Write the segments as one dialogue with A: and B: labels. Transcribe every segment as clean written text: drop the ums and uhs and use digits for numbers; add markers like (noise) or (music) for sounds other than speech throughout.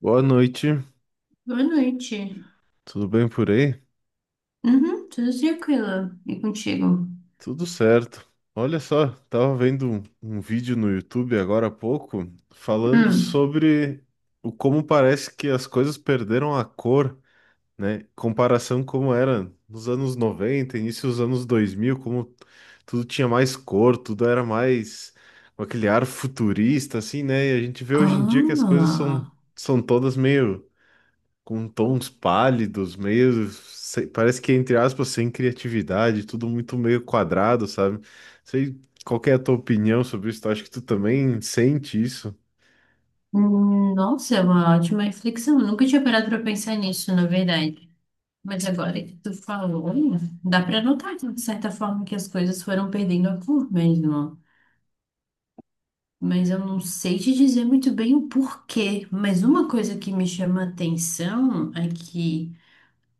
A: Boa noite,
B: Boa noite.
A: tudo bem por aí?
B: Uhum, tudo tranquilo. E contigo?
A: Tudo certo. Olha só, tava vendo um vídeo no YouTube agora há pouco falando
B: Hum.
A: sobre o como parece que as coisas perderam a cor, né? Comparação como era nos anos 90, início dos anos 2000, como tudo tinha mais cor, tudo era mais com aquele ar futurista, assim, né? E a gente vê hoje em dia que as coisas são,
B: Ah,
A: são todas meio com tons pálidos, meio, parece que, entre aspas, sem criatividade, tudo muito meio quadrado, sabe? Sei qual que é a tua opinião sobre isso, acho que tu também sente isso.
B: nossa, é uma ótima reflexão. Eu nunca tinha parado para pensar nisso, na verdade. Mas agora que tu falou, dá para notar que, de certa forma que as coisas foram perdendo a cor mesmo. Mas eu não sei te dizer muito bem o porquê. Mas uma coisa que me chama a atenção é que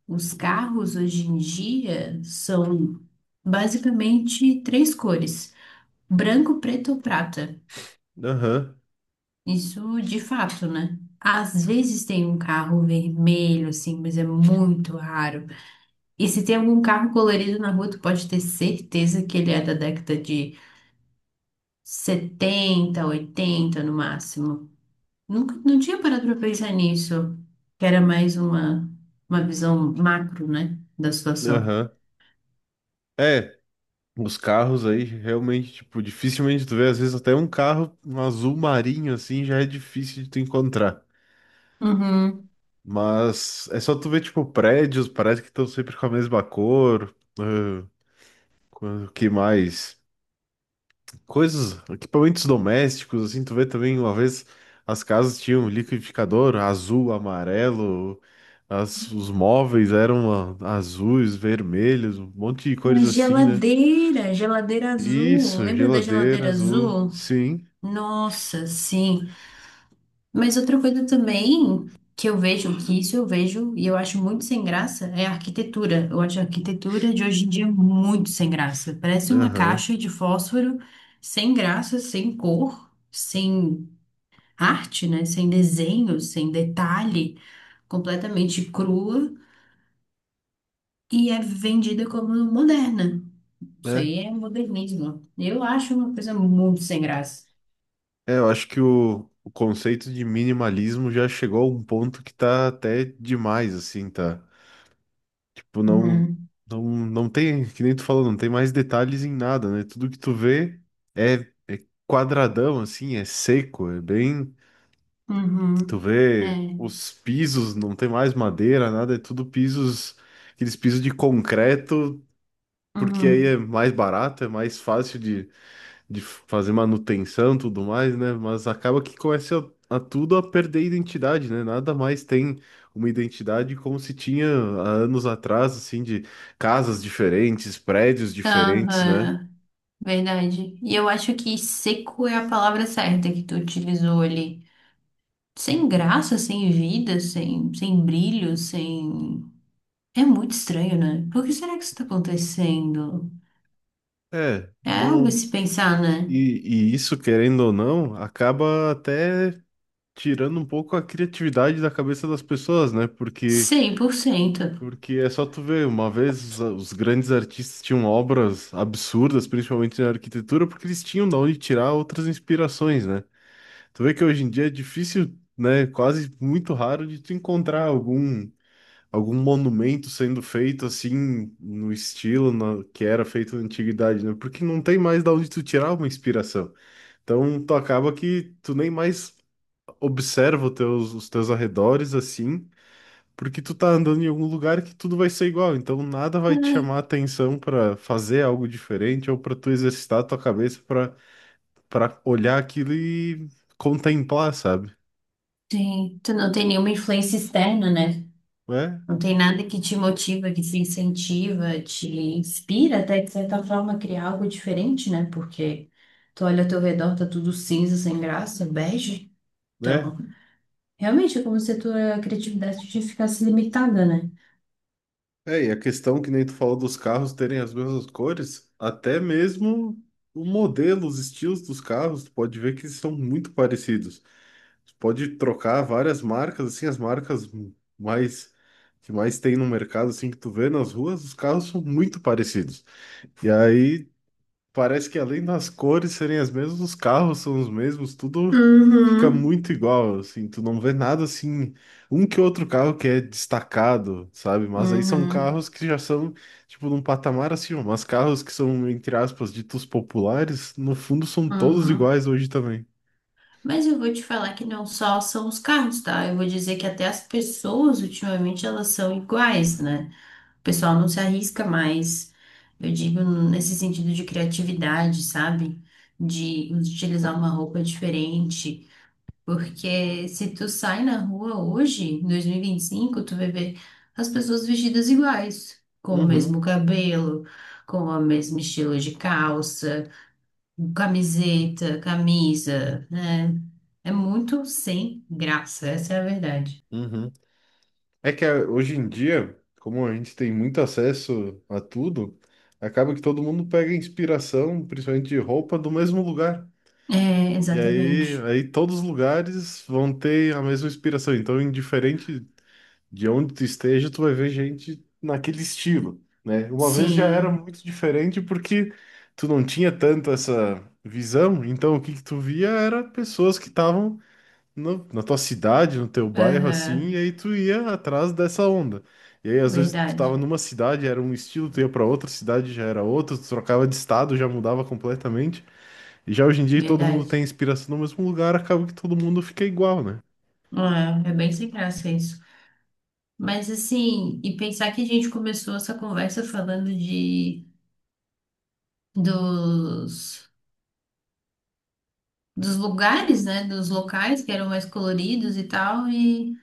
B: os carros hoje em dia são basicamente três cores. Branco, preto ou prata?
A: Aham,
B: Isso de fato, né? Às vezes tem um carro vermelho, assim, mas é muito raro. E se tem algum carro colorido na rua, tu pode ter certeza que ele é da década de 70, 80 no máximo. Nunca, não tinha parado pra pensar nisso, que era mais uma visão macro, né, da situação.
A: aham. É, os carros aí realmente, tipo, dificilmente tu vê, às vezes até um carro um azul marinho assim já é difícil de tu encontrar.
B: Uhum.
A: Mas é só tu ver, tipo, prédios, parece que estão sempre com a mesma cor. O que mais? Coisas, equipamentos domésticos, assim, tu vê também uma vez as casas tinham liquidificador azul, amarelo, os móveis eram azuis, vermelhos, um monte de
B: A
A: cores assim, né?
B: geladeira, geladeira azul.
A: Isso,
B: Lembra da
A: geladeira
B: geladeira
A: azul,
B: azul?
A: sim,
B: Nossa, sim. Mas outra coisa também que eu vejo, que isso eu vejo e eu acho muito sem graça, é a arquitetura. Eu acho a arquitetura de hoje em dia muito sem graça. Parece uma
A: aham,
B: caixa de fósforo sem graça, sem cor, sem arte, né? Sem desenho, sem detalhe, completamente crua e é vendida como moderna. Isso
A: né?
B: aí é modernismo. Eu acho uma coisa muito sem graça.
A: É, eu acho que o conceito de minimalismo já chegou a um ponto que tá até demais, assim, tá? Tipo, não,
B: Uhum.
A: não, não tem, que nem tu falou, não tem mais detalhes em nada, né? Tudo que tu vê é, é quadradão, assim, é seco, é bem. Tu
B: Uhum.
A: vê
B: É.
A: os pisos, não tem mais madeira, nada, é tudo pisos, aqueles pisos de concreto, porque aí é
B: Uhum.
A: mais barato, é mais fácil de fazer manutenção e tudo mais, né? Mas acaba que começa a tudo a perder identidade, né? Nada mais tem uma identidade como se tinha há anos atrás, assim, de casas diferentes, prédios diferentes, né?
B: Aham. Verdade. E eu acho que seco é a palavra certa que tu utilizou ali. Sem graça, sem vida, sem brilho, sem. É muito estranho, né? Por que será que isso tá acontecendo?
A: É,
B: É algo
A: não.
B: a se pensar, né?
A: E isso, querendo ou não, acaba até tirando um pouco a criatividade da cabeça das pessoas, né?
B: 100%.
A: Porque é só tu ver, uma vez os grandes artistas tinham obras absurdas, principalmente na arquitetura, porque eles tinham da onde tirar outras inspirações, né? Tu vê que hoje em dia é difícil, né, quase muito raro de tu encontrar algum monumento sendo feito assim no estilo que era feito na antiguidade, né? Porque não tem mais da onde tu tirar uma inspiração. Então tu acaba que tu nem mais observa os teus arredores assim porque tu tá andando em algum lugar que tudo vai ser igual, então nada vai te
B: É,
A: chamar a atenção pra fazer algo diferente ou pra tu exercitar a tua cabeça pra para olhar aquilo e contemplar, sabe?
B: sim. Tu não tem nenhuma influência externa, né?
A: É,
B: Não tem nada que te motiva, que te incentiva, te inspira até de certa forma a criar algo diferente, né? Porque tu olha ao teu redor, tá tudo cinza, sem graça, bege.
A: né?
B: Então. Realmente é como se a tua criatividade te ficasse limitada, né?
A: É, e a questão que nem tu falou dos carros terem as mesmas cores, até mesmo o modelo, os estilos dos carros, tu pode ver que eles são muito parecidos. Tu pode trocar várias marcas, assim, as marcas mais que mais tem no mercado, assim, que tu vê nas ruas, os carros são muito parecidos. E aí parece que além das cores serem as mesmas, os carros são os mesmos, tudo fica
B: Uhum.
A: muito igual, assim, tu não vê nada assim, um que outro carro que é destacado, sabe? Mas aí são
B: Uhum,
A: carros que já são, tipo, num patamar acima, mas carros que são, entre aspas, ditos populares, no fundo são todos
B: uhum.
A: iguais hoje também.
B: Mas eu vou te falar que não só são os carros, tá? Eu vou dizer que até as pessoas, ultimamente, elas são iguais, né? O pessoal não se arrisca mais, eu digo, nesse sentido de criatividade, sabe? De utilizar uma roupa diferente. Porque se tu sai na rua hoje, em 2025, tu vai ver as pessoas vestidas iguais, com o mesmo
A: Uhum,
B: cabelo, com o mesmo estilo de calça, camiseta, camisa, né? É muito sem graça, essa é a verdade.
A: uhum. É que hoje em dia, como a gente tem muito acesso a tudo, acaba que todo mundo pega inspiração, principalmente de roupa, do mesmo lugar.
B: É,
A: E aí,
B: exatamente.
A: aí todos os lugares vão ter a mesma inspiração. Então, indiferente de onde tu esteja, tu vai ver gente naquele estilo, né? Uma vez já era
B: Sim,
A: muito diferente porque tu não tinha tanto essa visão. Então, o que que tu via era pessoas que estavam na tua cidade, no teu bairro, assim, e
B: aham,
A: aí tu ia atrás dessa onda. E aí, às vezes, tu
B: verdade,
A: tava numa cidade, era um estilo, tu ia pra outra cidade, já era outro, tu trocava de estado, já mudava completamente. Já hoje em dia todo mundo
B: verdade.
A: tem inspiração no mesmo lugar, acaba que todo mundo fica igual, né?
B: É, é bem sem graça isso. Mas assim, e pensar que a gente começou essa conversa falando de dos, dos lugares, né? Dos locais que eram mais coloridos e tal, e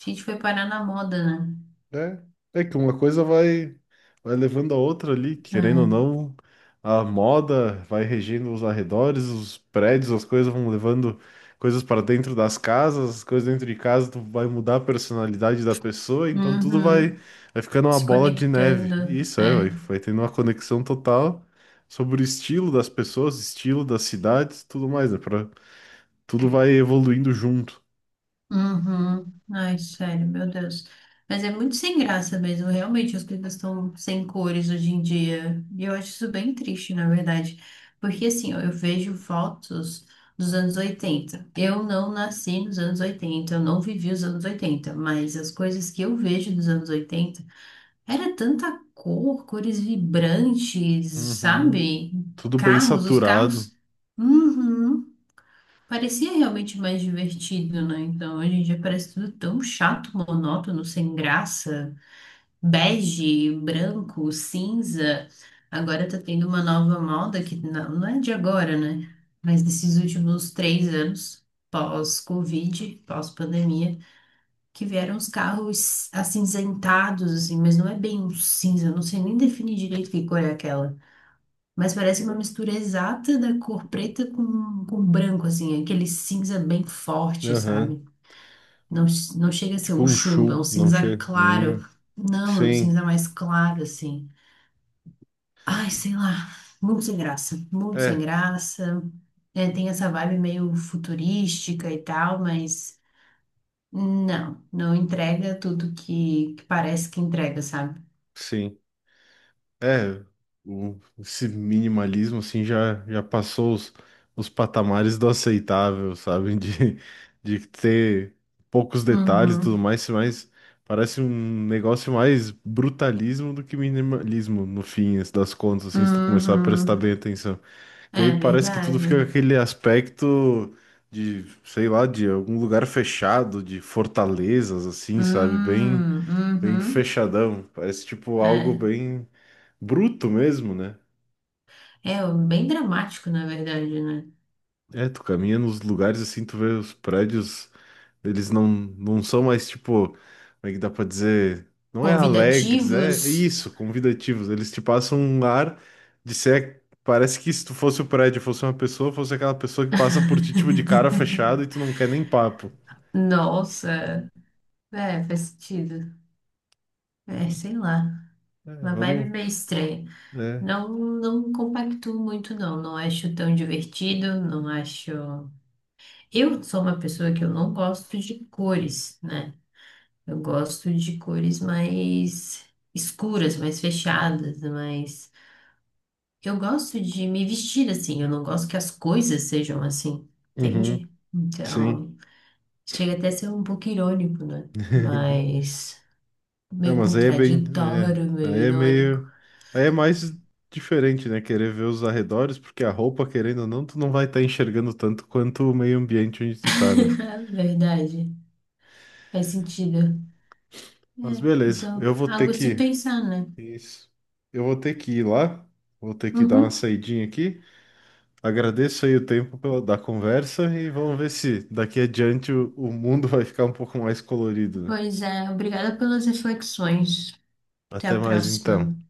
B: a gente foi parar na moda, né?
A: É, que uma coisa vai levando a outra ali, querendo ou
B: É.
A: não, a moda vai regendo os arredores, os prédios, as coisas vão levando coisas para dentro das casas, as coisas dentro de casa tu vai mudar a personalidade da pessoa, então tudo vai,
B: Uhum.
A: vai ficando uma
B: Se
A: bola de neve.
B: conectando.
A: Isso é, vai,
B: É.
A: vai tendo uma conexão total sobre o estilo das pessoas, estilo das cidades, tudo mais, né? Pra, tudo vai evoluindo junto.
B: Uhum. Ai, sério, meu Deus. Mas é muito sem graça mesmo. Realmente, as coisas estão sem cores hoje em dia. E eu acho isso bem triste, na verdade. Porque, assim, ó, eu vejo fotos dos anos 80. Eu não nasci nos anos 80, eu não vivi os anos 80. Mas as coisas que eu vejo dos anos 80 era tanta cor, cores vibrantes,
A: Uhum.
B: sabe?
A: Tudo bem
B: Carros, os
A: saturado.
B: carros. Uhum. Parecia realmente mais divertido, né? Então, hoje em dia parece tudo tão chato, monótono, sem graça, bege, branco, cinza. Agora tá tendo uma nova moda que não, não é de agora, né? Mas desses últimos 3 anos, pós-Covid, pós-pandemia, que vieram os carros acinzentados, assim, mas não é bem um cinza, eu não sei nem definir direito que cor é aquela. Mas parece uma mistura exata da cor preta com branco, assim, aquele cinza bem forte,
A: Aham.
B: sabe? Não, não chega a ser
A: Tipo
B: um
A: um
B: chumbo, é um
A: chum, não
B: cinza
A: chega.
B: claro.
A: Hum.
B: Não, é um
A: Sim.
B: cinza mais claro, assim. Ai, sei lá, muito sem graça, muito sem
A: É,
B: graça. É, tem essa vibe meio futurística e tal, mas não, não entrega tudo que parece que entrega, sabe?
A: sim. É, esse minimalismo assim já passou os patamares do aceitável, sabe? (laughs) De ter poucos detalhes e tudo
B: Uhum,
A: mais, mas parece um negócio mais brutalismo do que minimalismo no fim das contas, assim, se tu começar a prestar bem
B: uhum,
A: atenção. Que aí
B: é
A: parece que tudo
B: verdade.
A: fica com aquele aspecto de, sei lá, de algum lugar fechado, de fortalezas, assim, sabe? Bem
B: Uhum.
A: fechadão. Parece tipo algo
B: É.
A: bem bruto mesmo, né?
B: É bem dramático, na verdade, né?
A: É, tu caminha nos lugares assim, tu vê os prédios. Eles não são mais, tipo, como é que dá pra dizer? Não é alegres, é
B: Convidativos.
A: isso, convidativos. Eles te passam um ar de ser. Parece que se tu fosse o prédio, fosse uma pessoa, fosse aquela pessoa que passa por ti, tipo, de cara
B: (laughs)
A: fechada e tu não quer nem papo.
B: Nossa, é, faz sentido. É, sei lá,
A: É,
B: uma vibe
A: vamos.
B: meio estranha.
A: É.
B: Não, não compactuo muito, não. Não acho tão divertido, não acho. Eu sou uma pessoa que eu não gosto de cores, né? Eu gosto de cores mais escuras, mais fechadas, mais. Eu gosto de me vestir assim, eu não gosto que as coisas sejam assim,
A: Uhum,
B: entende?
A: sim.
B: Então, chega até a ser um pouco irônico, né?
A: (laughs)
B: Mas
A: É,
B: meio
A: mas aí é bem. É,
B: contraditório, meio
A: aí é
B: irônico.
A: meio. Aí é mais diferente, né? Querer ver os arredores, porque a roupa, querendo ou não, tu não vai estar enxergando tanto quanto o meio ambiente onde tu tá, né?
B: (laughs) Verdade, faz sentido.
A: Mas
B: É,
A: beleza,
B: então,
A: eu vou ter
B: algo a se
A: que.
B: pensar, né?
A: Isso. Eu vou ter que ir lá, vou ter que dar uma
B: Uhum.
A: saidinha aqui. Agradeço aí o tempo pela, da conversa e vamos ver se daqui adiante o mundo (laughs) vai ficar um pouco mais colorido, né?
B: Pois é, obrigada pelas reflexões. Até
A: Até
B: a
A: mais então.
B: próxima.